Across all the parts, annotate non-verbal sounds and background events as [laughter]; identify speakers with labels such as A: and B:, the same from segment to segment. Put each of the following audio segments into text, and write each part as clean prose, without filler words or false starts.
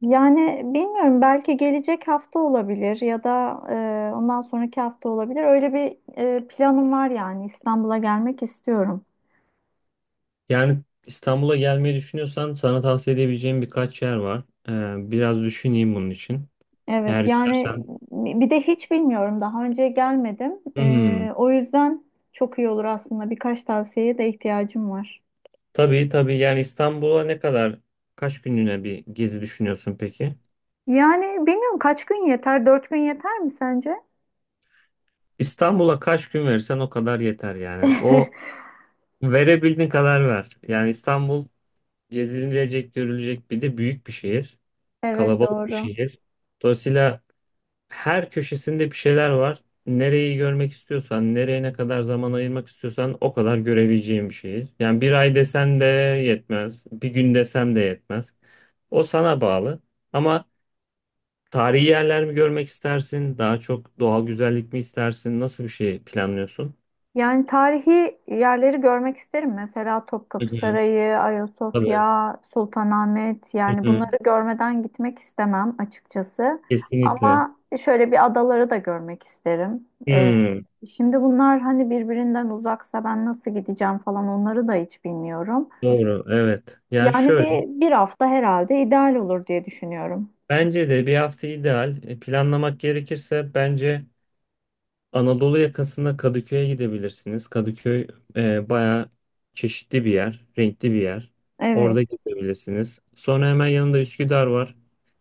A: Yani bilmiyorum belki gelecek hafta olabilir ya da ondan sonraki hafta olabilir. Öyle bir planım var yani İstanbul'a gelmek istiyorum.
B: Yani İstanbul'a gelmeyi düşünüyorsan sana tavsiye edebileceğim birkaç yer var. Biraz düşüneyim bunun için. Eğer
A: Evet yani
B: istersen.
A: bir de hiç bilmiyorum daha önce gelmedim.
B: Hmm.
A: O yüzden çok iyi olur aslında birkaç tavsiyeye de ihtiyacım var.
B: Tabii tabii, yani İstanbul'a ne kadar, kaç günlüğüne bir gezi düşünüyorsun peki?
A: Yani bilmiyorum kaç gün yeter? Dört gün yeter mi sence?
B: İstanbul'a kaç gün verirsen o kadar yeter yani. O
A: [laughs]
B: verebildiğin kadar ver. Yani İstanbul gezilecek, görülecek bir de büyük bir şehir.
A: Evet
B: Kalabalık bir
A: doğru.
B: şehir. Dolayısıyla her köşesinde bir şeyler var. Nereyi görmek istiyorsan, nereye ne kadar zaman ayırmak istiyorsan o kadar görebileceğin bir şehir. Yani bir ay desen de yetmez, bir gün desem de yetmez. O sana bağlı. Ama tarihi yerler mi görmek istersin, daha çok doğal güzellik mi istersin, nasıl bir şey planlıyorsun?
A: Yani tarihi yerleri görmek isterim. Mesela
B: Hı
A: Topkapı
B: hı.
A: Sarayı,
B: Tabii.
A: Ayasofya, Sultanahmet.
B: Hı
A: Yani
B: hı.
A: bunları görmeden gitmek istemem açıkçası.
B: Kesinlikle.
A: Ama şöyle bir adaları da görmek isterim.
B: Hmm,
A: Şimdi bunlar hani birbirinden uzaksa ben nasıl gideceğim falan onları da hiç bilmiyorum.
B: doğru, evet. Yani
A: Yani bir,
B: şöyle,
A: bir hafta herhalde ideal olur diye düşünüyorum.
B: bence de bir hafta ideal. Planlamak gerekirse bence Anadolu yakasında Kadıköy'e gidebilirsiniz. Kadıköy bayağı çeşitli bir yer, renkli bir yer.
A: Evet,
B: Orada gezebilirsiniz. Sonra hemen yanında Üsküdar var.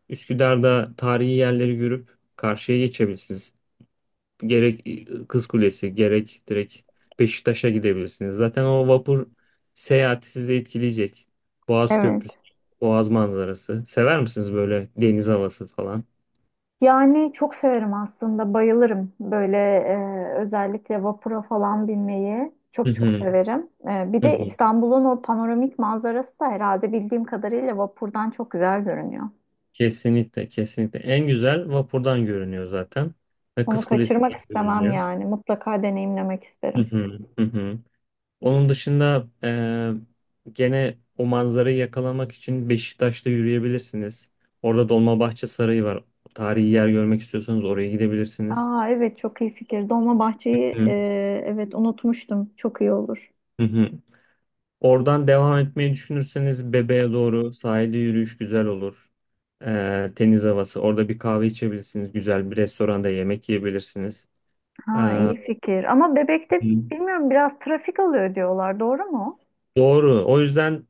B: Üsküdar'da tarihi yerleri görüp karşıya geçebilirsiniz. Gerek Kız Kulesi, gerek direkt Beşiktaş'a gidebilirsiniz. Zaten o vapur seyahati sizi etkileyecek. Boğaz Köprüsü,
A: evet.
B: Boğaz manzarası. Sever misiniz böyle deniz havası falan?
A: Yani çok severim aslında, bayılırım böyle özellikle vapura falan binmeyi
B: Hı
A: çok çok
B: hı.
A: severim. Bir
B: Hı
A: de
B: hı.
A: İstanbul'un o panoramik manzarası da herhalde bildiğim kadarıyla vapurdan çok güzel görünüyor.
B: Kesinlikle, kesinlikle. En güzel vapurdan görünüyor zaten. Ve
A: Onu
B: Kız
A: kaçırmak
B: Kulesi'nden
A: istemem
B: görünüyor.
A: yani, mutlaka deneyimlemek
B: Hı
A: isterim.
B: hı, hı hı. Onun dışında gene o manzarayı yakalamak için Beşiktaş'ta yürüyebilirsiniz. Orada Dolmabahçe Sarayı var. Tarihi yer görmek istiyorsanız oraya gidebilirsiniz.
A: Aa evet, çok iyi fikir. Dolmabahçe'yi,
B: Hı
A: evet, unutmuştum. Çok iyi olur.
B: hı. Hı. Oradan devam etmeyi düşünürseniz Bebe'ye doğru sahilde yürüyüş güzel olur. Teniz havası. Orada bir kahve içebilirsiniz. Güzel bir restoranda yemek yiyebilirsiniz.
A: Ha,
B: E,
A: iyi fikir. Ama Bebek'te
B: Hı.
A: bilmiyorum, biraz trafik oluyor diyorlar. Doğru mu?
B: Doğru. O yüzden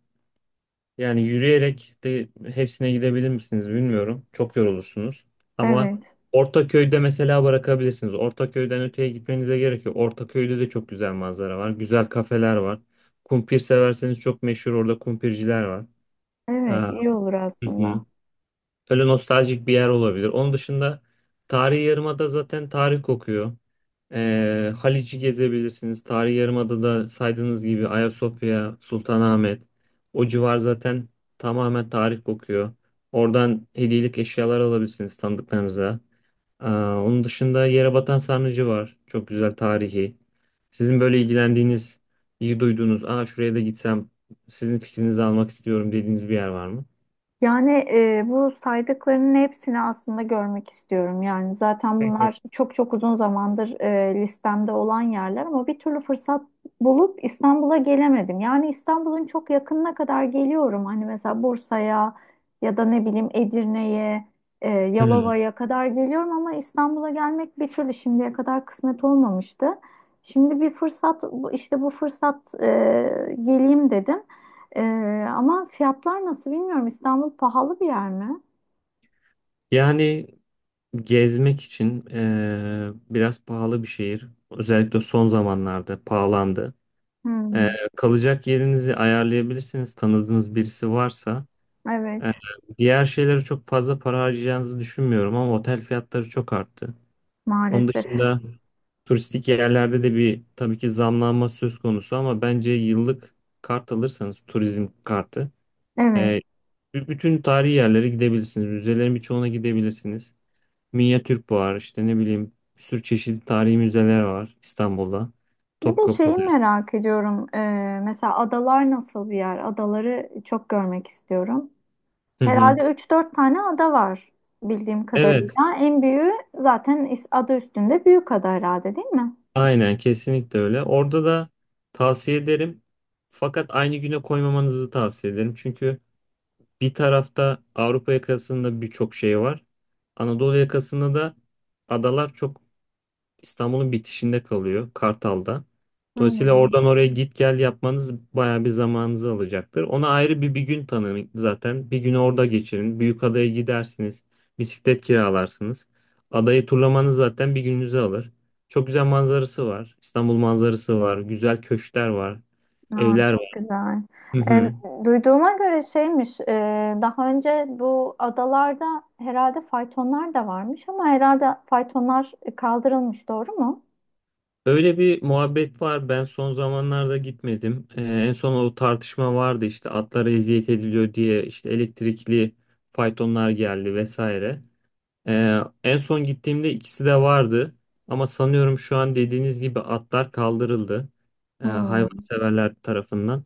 B: yani yürüyerek de hepsine gidebilir misiniz bilmiyorum. Çok yorulursunuz. Ama
A: Evet.
B: Ortaköy'de mesela bırakabilirsiniz. Ortaköy'den öteye gitmenize gerek yok. Ortaköy'de de çok güzel manzara var. Güzel kafeler var. Kumpir severseniz çok meşhur orada kumpirciler var.
A: Evet,
B: Aa,
A: iyi olur
B: hı hı.
A: aslında.
B: Öyle nostaljik bir yer olabilir. Onun dışında Tarihi Yarımada zaten tarih kokuyor. Haliç'i gezebilirsiniz. Tarihi Yarımada'da saydığınız gibi Ayasofya, Sultanahmet. O civar zaten tamamen tarih kokuyor. Oradan hediyelik eşyalar alabilirsiniz tanıdıklarınıza. Onun dışında Yerebatan Sarnıcı var. Çok güzel tarihi. Sizin böyle ilgilendiğiniz, iyi duyduğunuz, aa şuraya da gitsem sizin fikrinizi almak istiyorum dediğiniz bir yer var mı?
A: Yani bu saydıklarının hepsini aslında görmek istiyorum. Yani zaten bunlar çok çok uzun zamandır listemde olan yerler ama bir türlü fırsat bulup İstanbul'a gelemedim. Yani İstanbul'un çok yakınına kadar geliyorum. Hani mesela Bursa'ya ya da ne bileyim Edirne'ye,
B: Hmm.
A: Yalova'ya kadar geliyorum ama İstanbul'a gelmek bir türlü şimdiye kadar kısmet olmamıştı. Şimdi bir fırsat, işte bu fırsat geleyim dedim. Ee, ama fiyatlar nasıl bilmiyorum. İstanbul pahalı bir yer mi?
B: Yani gezmek için biraz pahalı bir şehir. Özellikle son zamanlarda pahalandı. Eee,
A: Hmm,
B: Kalacak yerinizi ayarlayabilirsiniz. Tanıdığınız birisi varsa. Eee,
A: evet,
B: Diğer şeylere çok fazla para harcayacağınızı düşünmüyorum ama otel fiyatları çok arttı. Onun
A: maalesef.
B: dışında turistik yerlerde de bir tabii ki zamlanma söz konusu ama bence yıllık kart alırsanız, turizm kartı
A: Evet.
B: eee, bütün tarihi yerlere gidebilirsiniz. Müzelerin birçoğuna gidebilirsiniz. Minya Türk var, işte ne bileyim, bir sürü çeşitli tarihi müzeler var İstanbul'da.
A: Bir de şeyi
B: Topkapı'dır.
A: merak ediyorum. Mesela adalar nasıl bir yer? Adaları çok görmek istiyorum.
B: Hı hı.
A: Herhalde üç dört tane ada var bildiğim
B: Evet,
A: kadarıyla. En büyüğü zaten adı üstünde büyük ada herhalde, değil mi?
B: aynen kesinlikle öyle. Orada da tavsiye ederim. Fakat aynı güne koymamanızı tavsiye ederim. Çünkü bir tarafta Avrupa yakasında birçok şey var. Anadolu yakasında da adalar çok İstanbul'un bitişinde kalıyor, Kartal'da. Dolayısıyla
A: Hmm.
B: oradan oraya git gel yapmanız bayağı bir zamanınızı alacaktır. Ona ayrı bir gün tanın zaten. Bir günü orada geçirin. Büyükada'ya gidersiniz. Bisiklet kiralarsınız. Adayı turlamanız zaten bir gününüzü alır. Çok güzel manzarası var. İstanbul manzarası var. Güzel köşkler var.
A: Aa,
B: Evler
A: çok
B: var.
A: güzel.
B: Hı
A: Em,
B: hı.
A: duyduğuma göre şeymiş, daha önce bu adalarda herhalde faytonlar da varmış ama herhalde faytonlar kaldırılmış, doğru mu?
B: Öyle bir muhabbet var. Ben son zamanlarda gitmedim. En son o tartışma vardı, işte atlara eziyet ediliyor diye, işte elektrikli faytonlar geldi vesaire. En son gittiğimde ikisi de vardı. Ama sanıyorum şu an dediğiniz gibi atlar kaldırıldı.
A: Hmm.
B: Hayvanseverler tarafından.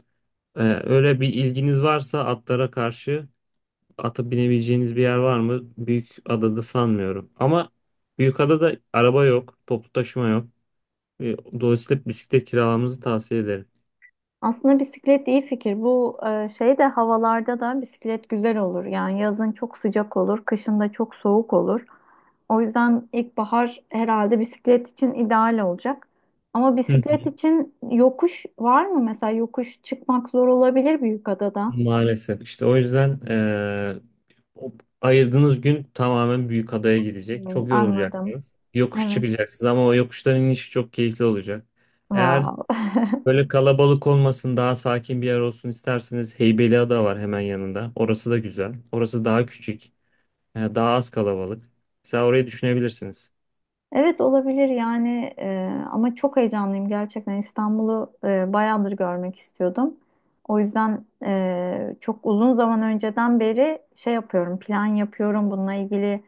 B: Öyle bir ilginiz varsa atlara karşı, atı binebileceğiniz bir yer var mı? Büyükada'da sanmıyorum. Ama Büyükada'da araba yok, toplu taşıma yok. Dolayısıyla bisiklet kiralamanızı tavsiye ederim.
A: Aslında bisiklet iyi fikir. Bu şey de havalarda da bisiklet güzel olur. Yani yazın çok sıcak olur, kışın da çok soğuk olur. O yüzden ilkbahar herhalde bisiklet için ideal olacak. Ama
B: Hı hı.
A: bisiklet için yokuş var mı? Mesela yokuş çıkmak zor olabilir büyük adada.
B: Maalesef. İşte o yüzden o ayırdığınız gün tamamen büyük adaya gidecek.
A: Hmm,
B: Çok
A: anladım.
B: yorulacaksınız. Yokuş
A: Evet.
B: çıkacaksınız ama o yokuşların inişi çok keyifli olacak. Eğer
A: Wow. [laughs]
B: böyle kalabalık olmasın, daha sakin bir yer olsun isterseniz Heybeliada var hemen yanında. Orası da güzel. Orası daha küçük, daha az kalabalık. Mesela orayı düşünebilirsiniz.
A: Evet, olabilir yani, ama çok heyecanlıyım, gerçekten İstanbul'u bayağıdır görmek istiyordum. O yüzden çok uzun zaman önceden beri şey yapıyorum, plan yapıyorum bununla ilgili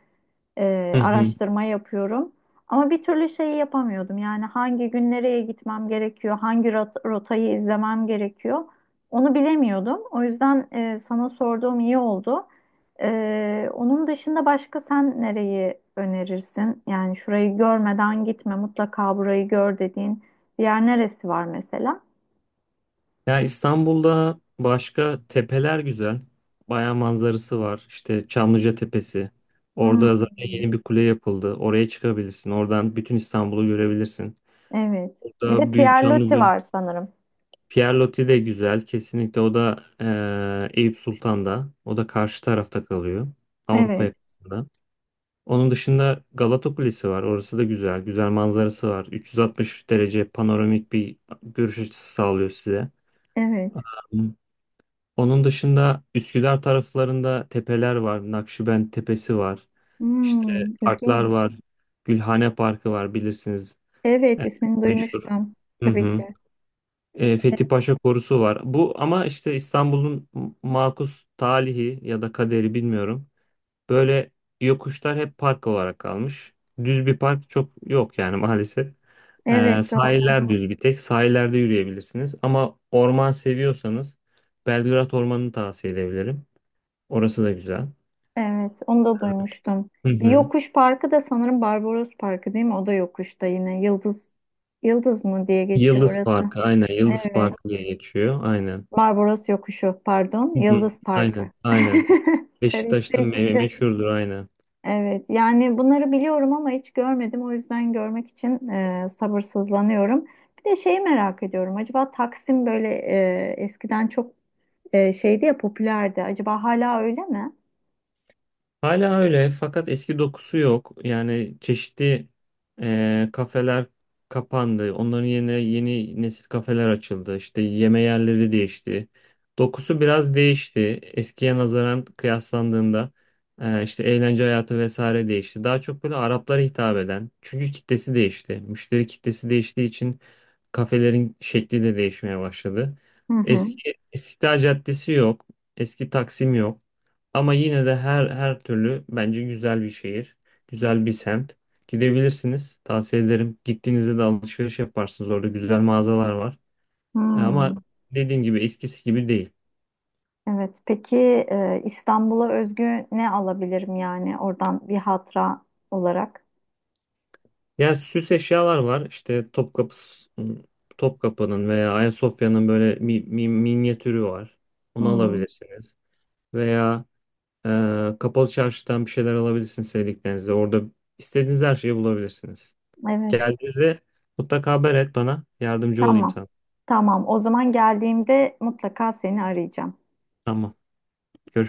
B: Hı hı.
A: araştırma yapıyorum. Ama bir türlü şeyi yapamıyordum. Yani hangi gün nereye gitmem gerekiyor, hangi rotayı izlemem gerekiyor, onu bilemiyordum. O yüzden sana sorduğum iyi oldu. Onun dışında başka sen nereyi önerirsin? Yani şurayı görmeden gitme, mutlaka burayı gör dediğin bir yer neresi var mesela?
B: Ya İstanbul'da başka tepeler güzel. Bayağı manzarası var. İşte Çamlıca Tepesi. Orada
A: Hmm,
B: zaten yeni bir kule yapıldı. Oraya çıkabilirsin. Oradan bütün İstanbul'u görebilirsin.
A: evet. Bir de
B: Orada Büyük
A: Pierre Loti
B: Çamlıca.
A: var sanırım.
B: Pierre de güzel. Kesinlikle, o da Eyüp Sultan'da. O da karşı tarafta kalıyor. Avrupa
A: Evet,
B: yakasında. Onun dışında Galata Kulesi var. Orası da güzel. Güzel manzarası var. 360 derece panoramik bir görüş açısı sağlıyor size.
A: evet.
B: Onun dışında Üsküdar taraflarında tepeler var. Nakşibend Tepesi var. İşte
A: Hmm,
B: parklar
A: ilginç.
B: var. Gülhane Parkı var, bilirsiniz.
A: Evet,
B: Evet,
A: ismini
B: meşhur.
A: duymuştum.
B: Hı
A: Tabii
B: hı.
A: ki.
B: Fethi Paşa Korusu var. Bu ama işte İstanbul'un makus talihi ya da kaderi bilmiyorum. Böyle yokuşlar hep park olarak kalmış. Düz bir park çok yok yani [laughs] maalesef.
A: Evet, doğru.
B: Sahiller düz bir tek. Sahillerde yürüyebilirsiniz. Ama orman seviyorsanız Belgrad Ormanı'nı tavsiye edebilirim. Orası da güzel.
A: Evet, onu da duymuştum.
B: Hı
A: Bir
B: hı.
A: yokuş parkı da sanırım Barbaros Parkı değil mi? O da yokuşta yine. Yıldız mı diye geçiyor
B: Yıldız
A: orası.
B: Parkı, aynen, Yıldız
A: Evet.
B: Parkı diye geçiyor, aynen.
A: Barbaros Yokuşu, pardon.
B: Hı hı.
A: Yıldız Parkı.
B: Aynen aynen.
A: [laughs] Karıştı
B: Beşiktaş'ta
A: ikisi.
B: meşhurdur aynen.
A: Evet, yani bunları biliyorum ama hiç görmedim. O yüzden görmek için sabırsızlanıyorum. Bir de şeyi merak ediyorum. Acaba Taksim böyle eskiden çok şeydi ya, popülerdi. Acaba hala öyle mi?
B: Hala öyle fakat eski dokusu yok. Yani çeşitli kafeler kapandı. Onların yerine yeni nesil kafeler açıldı. İşte yeme yerleri değişti. Dokusu biraz değişti. Eskiye nazaran kıyaslandığında işte eğlence hayatı vesaire değişti. Daha çok böyle Araplara hitap eden. Çünkü kitlesi değişti. Müşteri kitlesi değiştiği için kafelerin şekli de değişmeye başladı.
A: Hı hı.
B: Eski İstiklal Caddesi yok. Eski Taksim yok. Ama yine de her türlü bence güzel bir şehir, güzel bir semt. Gidebilirsiniz. Tavsiye ederim. Gittiğinizde de alışveriş yaparsınız. Orada güzel mağazalar var. Ama
A: Hmm.
B: dediğim gibi eskisi gibi değil.
A: Evet. Peki İstanbul'a özgü ne alabilirim yani oradan bir hatıra olarak?
B: Yani süs eşyalar var. İşte Topkapı'nın veya Ayasofya'nın böyle minyatürü var. Onu
A: Hmm.
B: alabilirsiniz. Veya Kapalı Çarşı'dan bir şeyler alabilirsiniz sevdiklerinizle. Orada istediğiniz her şeyi bulabilirsiniz.
A: Evet.
B: Geldiğinizde mutlaka haber et bana. Yardımcı olayım
A: Tamam.
B: sana.
A: Tamam. O zaman geldiğimde mutlaka seni arayacağım.
B: Tamam. Görüşmek